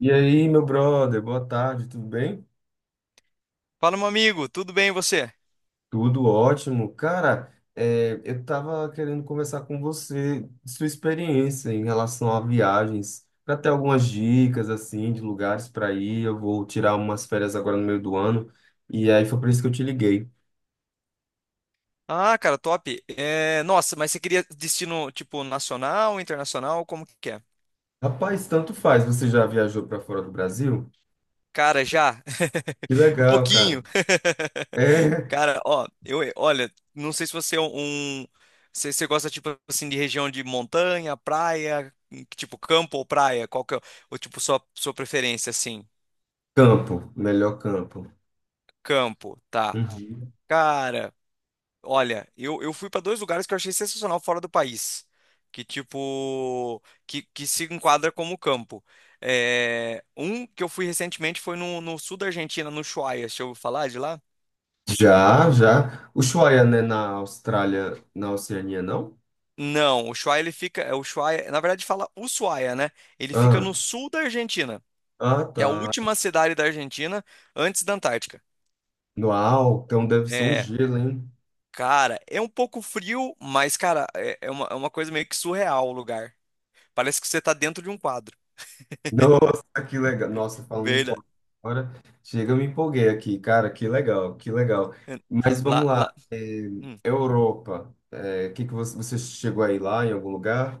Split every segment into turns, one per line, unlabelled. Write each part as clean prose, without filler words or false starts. E aí, meu brother, boa tarde, tudo bem?
Fala, meu amigo, tudo bem e você?
Tudo ótimo. Cara, eu tava querendo conversar com você, sua experiência em relação a viagens, para ter algumas dicas, assim, de lugares para ir. Eu vou tirar umas férias agora no meio do ano, e aí foi por isso que eu te liguei.
Ah, cara, top. É, nossa, mas você queria destino tipo nacional, internacional, como que é?
Rapaz, tanto faz, você já viajou para fora do Brasil?
Cara, já.
Que
Um
legal, cara.
pouquinho.
É
Cara, ó, eu, olha, não sei se você é um, se você gosta tipo assim de região de montanha, praia, tipo campo ou praia, qual que é o tipo sua preferência assim?
campo, melhor campo.
Campo, tá.
Uhum.
Cara, olha, eu fui para dois lugares que eu achei sensacional fora do país, que tipo, que se enquadra como campo. É, um que eu fui recentemente foi no sul da Argentina, no Ushuaia, deixa eu ouviu falar de lá?
Já, já. Ushuaia, né, na Austrália, na Oceania, não?
Não, o Ushuaia ele fica, é o Ushuaia, na verdade fala Ushuaia, né? Ele fica no sul da Argentina.
Ah,
É a
tá.
última cidade da Argentina antes da Antártica.
Uau, então deve ser um
É,
gelo, hein?
cara, é um pouco frio, mas cara, é uma coisa meio que surreal o lugar. Parece que você tá dentro de um quadro.
Nossa, que legal. Nossa, falando em
Verdade.
copo agora, chega, eu me empolguei aqui, cara, que legal, que legal.
É,
Mas vamos
lá,
lá,
lá. Hum.
Europa, que você chegou aí lá em algum lugar?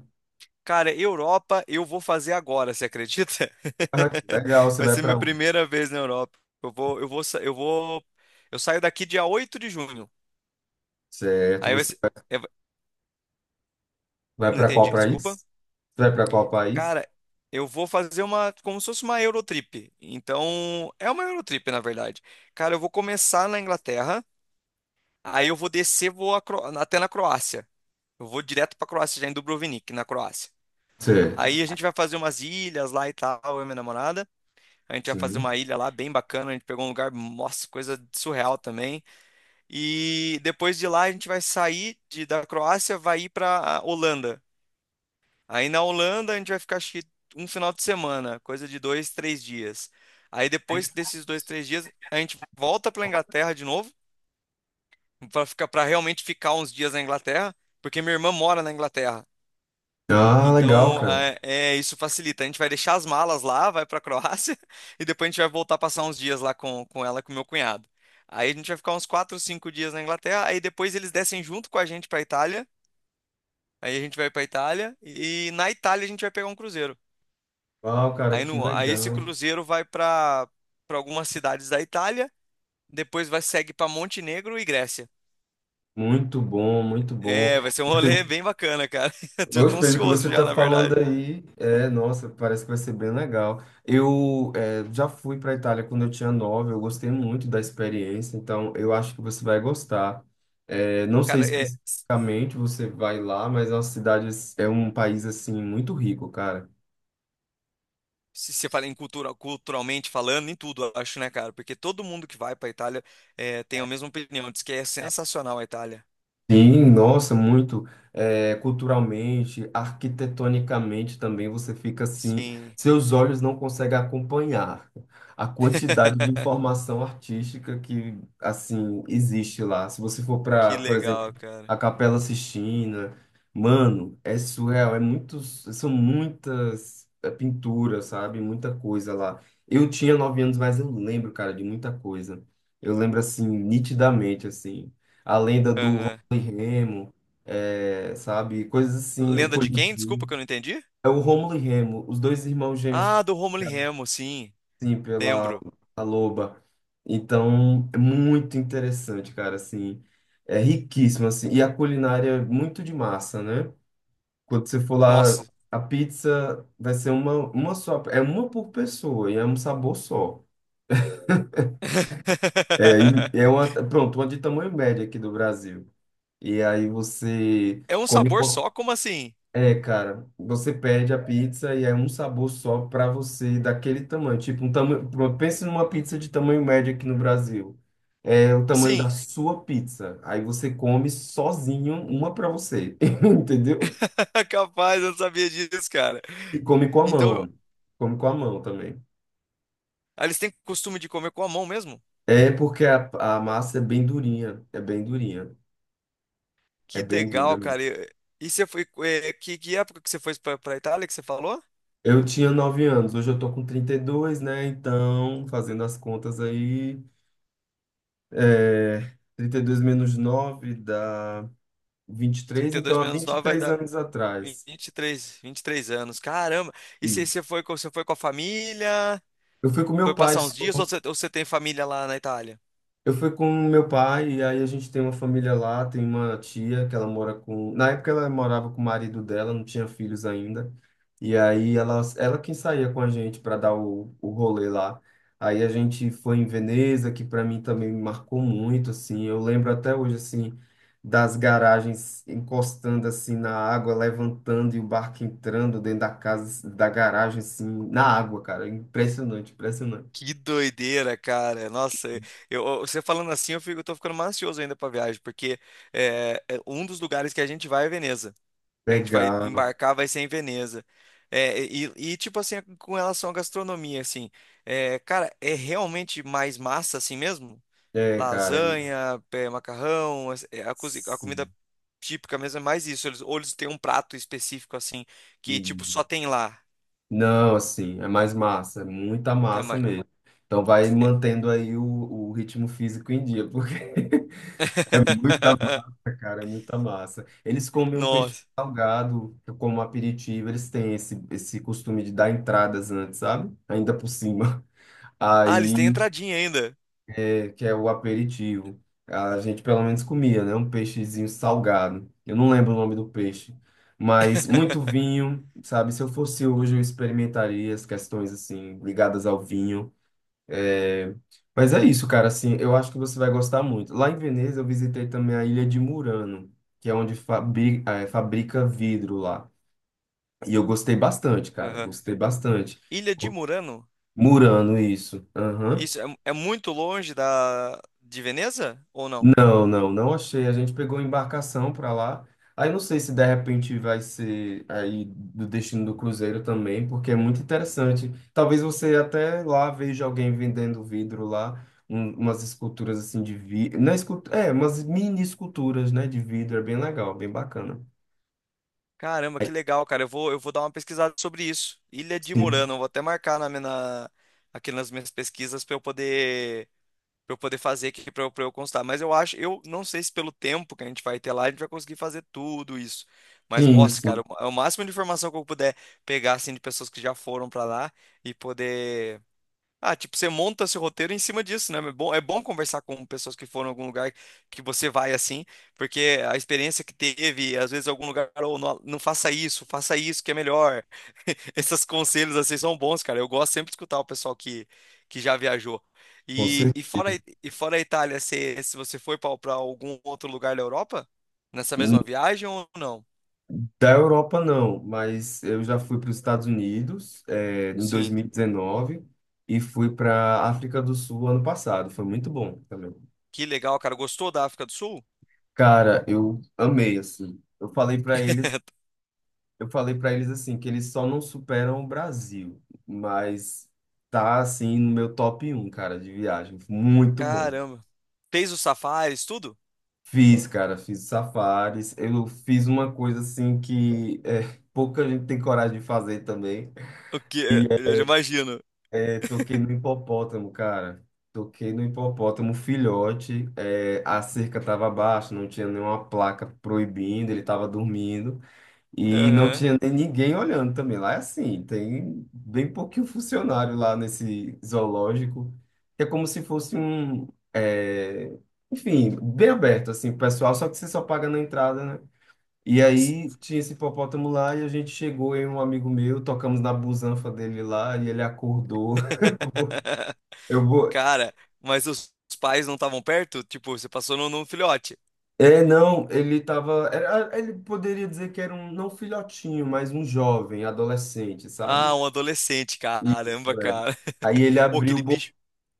Cara, Europa eu vou fazer agora, você acredita?
Ah, que legal, você
Vai
vai
ser
para
minha
onde?
primeira vez na Europa. Eu vou, sa- eu vou, eu saio daqui dia 8 de junho.
Certo,
Aí vai ser, é, va-
vai
não
para qual
entendi, desculpa.
país? Você vai para qual país?
Cara, eu vou fazer uma, como se fosse uma Eurotrip. Então, é uma Eurotrip, na verdade. Cara, eu vou começar na Inglaterra, aí eu vou descer, até na Croácia. Eu vou direto pra Croácia, já em Dubrovnik, na Croácia.
Certo,
Aí a gente vai fazer umas ilhas lá e tal, eu e minha namorada. A gente vai fazer
sim.
uma ilha lá bem bacana. A gente pegou um lugar, nossa, coisa surreal também. E depois de lá a gente vai sair da Croácia, vai ir para Holanda. Aí na Holanda a gente vai ficar acho que um final de semana, coisa de dois, três dias. Aí depois desses dois, três dias a gente volta para Inglaterra de novo, para realmente ficar uns dias na Inglaterra, porque minha irmã mora na Inglaterra.
Ah, legal,
Então,
cara.
isso facilita. A gente vai deixar as malas lá, vai para a Croácia e depois a gente vai voltar passar uns dias lá com ela, e com meu cunhado. Aí a gente vai ficar uns 4, 5 dias na Inglaterra, aí depois eles descem junto com a gente para Itália. Aí a gente vai para Itália e na Itália a gente vai pegar um cruzeiro.
Uau, cara,
Aí,
que
no, aí esse
legal.
cruzeiro vai para algumas cidades da Itália, depois vai segue para Montenegro e Grécia.
Muito bom, muito bom.
É, vai ser um rolê bem bacana, cara. Eu
Hoje,
tô
pelo que
ansioso
você
já,
está
na
falando
verdade.
aí, nossa, parece que vai ser bem legal. Eu já fui para a Itália quando eu tinha nove, eu gostei muito da experiência, então eu acho que você vai gostar. É, não sei
Cara, é.
especificamente você vai lá, mas é uma cidade, é um país assim muito rico, cara.
Se você fala em cultura, culturalmente falando, em tudo, eu acho, né, cara? Porque todo mundo que vai pra Itália tem a mesma opinião, diz que é sensacional a Itália.
Sim, nossa, muito. É, culturalmente, arquitetonicamente também você fica assim,
Sim.
seus olhos não conseguem acompanhar a quantidade de informação artística que assim existe lá. Se você for
Que
para, por exemplo,
legal,
a
cara.
Capela Sistina, mano, é surreal, são muitas pinturas, sabe? Muita coisa lá. Eu tinha 9 anos, mas eu lembro, cara, de muita coisa. Eu lembro assim nitidamente assim a lenda do
Aham.
e Remo, sabe? Coisas assim, o
Lenda de quem? Desculpa
Coliseu.
que eu não entendi.
É o Rômulo e Remo, os dois irmãos gêmeos que
Ah, do Rômulo e
foram criados,
Remo, sim.
assim, pela
Lembro.
a Loba. Então, é muito interessante, cara, assim. É riquíssimo, assim. E a culinária é muito de massa, né? Quando você for lá,
Nossa.
a pizza vai ser uma só. É uma por pessoa e é um sabor só. É, e é uma, pronto, uma de tamanho médio aqui do Brasil. E aí você
É um
come.
sabor só? Como assim?
É, cara, você perde a pizza e é um sabor só pra você daquele tamanho. Tipo, um tamanho, pense numa pizza de tamanho médio aqui no Brasil. É o tamanho da
Sim.
sua pizza. Aí você come sozinho uma pra você, entendeu?
Capaz, eu não sabia disso, cara.
E come com a
Então, eu-
mão. Come com a mão também.
ah, eles têm costume de comer com a mão mesmo?
É porque a massa é bem durinha, é bem durinha, é
Que
bem dura
legal,
mesmo.
cara. E você foi. Que época que você foi pra Itália que você falou?
Eu tinha 9 anos, hoje eu tô com 32, né? Então, fazendo as contas aí, é, 32 menos 9 dá 23,
32
então há
menos
vinte e
9 vai
três
dar
anos
vinte
atrás.
vinte e três vinte e três anos. Caramba! E você,
Isso.
você foi, com- você foi com a família?
Eu fui com meu
Foi
pai
passar uns dias ou você tem família lá na Itália?
Eu fui com meu pai, e aí a gente tem uma família lá, tem uma tia que ela mora com. Na época ela morava com o marido dela, não tinha filhos ainda. E aí ela quem saía com a gente para dar o rolê lá. Aí a gente foi em Veneza, que para mim também me marcou muito, assim. Eu lembro até hoje, assim, das garagens encostando, assim, na água, levantando e o barco entrando dentro da casa, da garagem, assim, na água, cara. Impressionante, impressionante.
Que doideira, cara. Nossa, você falando assim, eu tô ficando mais ansioso ainda pra viagem, porque é um dos lugares que a gente vai é Veneza. Que a gente vai
Legal.
embarcar vai ser em Veneza. É, tipo assim, com relação à gastronomia, assim, é, cara, é realmente mais massa assim mesmo?
É, cara.
Lasanha, é, macarrão, a comida
Sim.
típica mesmo é mais isso. Eles, ou eles têm um prato específico assim, que tipo
Hum.
só tem lá.
Não, assim, é mais massa, é muita
É,
massa
mais...
mesmo. Então vai mantendo aí o ritmo físico em dia, porque é muita massa, cara, é muita massa. Eles comem um peixe
Nossa.
salgado como aperitivo, eles têm esse costume de dar entradas antes, sabe? Ainda por cima.
Ah, eles têm
Aí
entradinha ainda.
que é o aperitivo. A gente pelo menos comia, né? Um peixezinho salgado. Eu não lembro o nome do peixe, mas muito vinho, sabe? Se eu fosse hoje, eu experimentaria as questões assim ligadas ao vinho. É, Mas é isso, cara. Assim, eu acho que você vai gostar muito. Lá em Veneza, eu visitei também a Ilha de Murano, que é onde fabrica vidro lá. E eu gostei bastante, cara.
Aham.
Gostei bastante.
Ilha de Murano?
Murano, isso. Aham.
Isso, é muito longe de Veneza ou não?
Não, não, não achei. A gente pegou embarcação para lá. Aí não sei se de repente vai ser aí do destino do cruzeiro também, porque é muito interessante. Talvez você até lá veja alguém vendendo vidro lá, umas esculturas assim de vidro, não é, umas mini esculturas, né, de vidro, é bem legal, bem bacana.
Caramba, que legal, cara. Eu vou dar uma pesquisada sobre isso. Ilha de
Sim,
Murano, eu vou até marcar aqui nas minhas pesquisas para eu poder fazer aqui pra eu constar. Mas eu acho, eu não sei se pelo tempo que a gente vai ter lá, a gente vai conseguir fazer tudo isso. Mas,
sim,
nossa, cara,
sim,
é o máximo de informação que eu puder pegar assim de pessoas que já foram para lá e poder tipo, você monta seu roteiro em cima disso, né? É bom conversar com pessoas que foram em algum lugar que você vai assim, porque a experiência que teve, às vezes, em algum lugar, ou não, não faça isso, faça isso que é melhor. Esses conselhos assim são bons, cara. Eu gosto sempre de escutar o pessoal que já viajou.
com
E fora,
certeza.
e fora a Itália, se você foi para algum outro lugar da Europa, nessa mesma viagem ou não?
Da Europa, não, mas eu já fui para os Estados Unidos, em dois
Sim.
mil e dezenove e fui para África do Sul ano passado. Foi muito bom também.
Que legal, cara. Gostou da África do Sul?
Cara, eu amei assim. Eu falei para eles, eu falei para eles assim que eles só não superam o Brasil, mas tá assim no meu top um, cara, de viagem. Muito bom.
Caramba. Fez os safaris, tudo?
Fiz, cara, fiz safaris. Eu fiz uma coisa assim que pouca gente tem coragem de fazer também.
O que? É? Eu já imagino.
É, toquei no hipopótamo, cara. Toquei no hipopótamo filhote. A cerca estava baixa, não tinha nenhuma placa proibindo, ele estava dormindo. E não
Aham.
tinha nem ninguém olhando também. Lá é assim, tem bem pouquinho funcionário lá nesse zoológico. É como se fosse um. é, Enfim, bem aberto, assim, pro pessoal, só que você só paga na entrada, né? E aí tinha esse hipopótamo lá e a gente chegou, eu e um amigo meu, tocamos na busanfa dele lá e ele acordou. Eu vou.
Cara, mas os pais não estavam perto? Tipo, você passou num filhote.
É, não, ele poderia dizer que era um, não filhotinho, mas um jovem, adolescente,
Ah,
sabe?
um adolescente. Caramba,
Isso, é.
cara.
Aí
Ô, aquele bicho.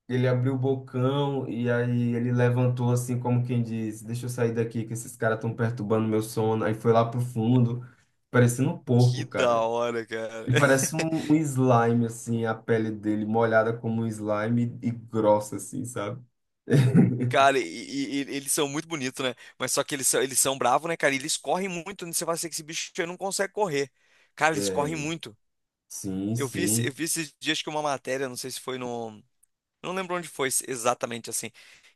ele abriu o bocão e aí ele levantou assim, como quem diz: Deixa eu sair daqui que esses caras estão perturbando meu sono. Aí foi lá pro fundo, parecendo um
Que
porco,
da
cara.
hora, cara.
E parece um slime, assim, a pele dele molhada como um slime e grossa, assim, sabe?
Cara, eles são muito bonitos, né? Mas só que eles são bravos, né, cara? E eles correm muito, né? Você vai ser que esse bicho aí não consegue correr. Cara, eles
É,
correm muito.
sim,
Eu vi,
sim.
eu vi esses dias que uma matéria, não sei se foi no, não lembro onde foi exatamente assim.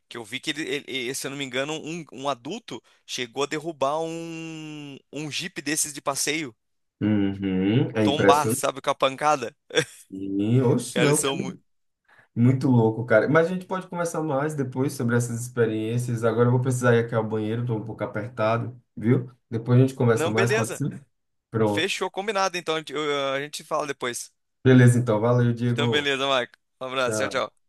Que eu vi que se eu não me engano, um adulto chegou a derrubar um Jeep desses de passeio.
Uhum, é
Tombar,
impressionante.
sabe, com a pancada.
Sim, oxe,
Cara, eles
não.
são muito.
Muito louco, cara. Mas a gente pode conversar mais depois sobre essas experiências. Agora eu vou precisar ir aqui ao banheiro, tô um pouco apertado, viu? Depois a gente conversa
Não,
mais, pode
beleza.
ser? Pronto.
Fechou, combinado. Então a gente fala depois.
Beleza, então. Valeu,
Então,
Diego.
beleza, Marco. Um abraço, tchau,
Tchau.
tchau.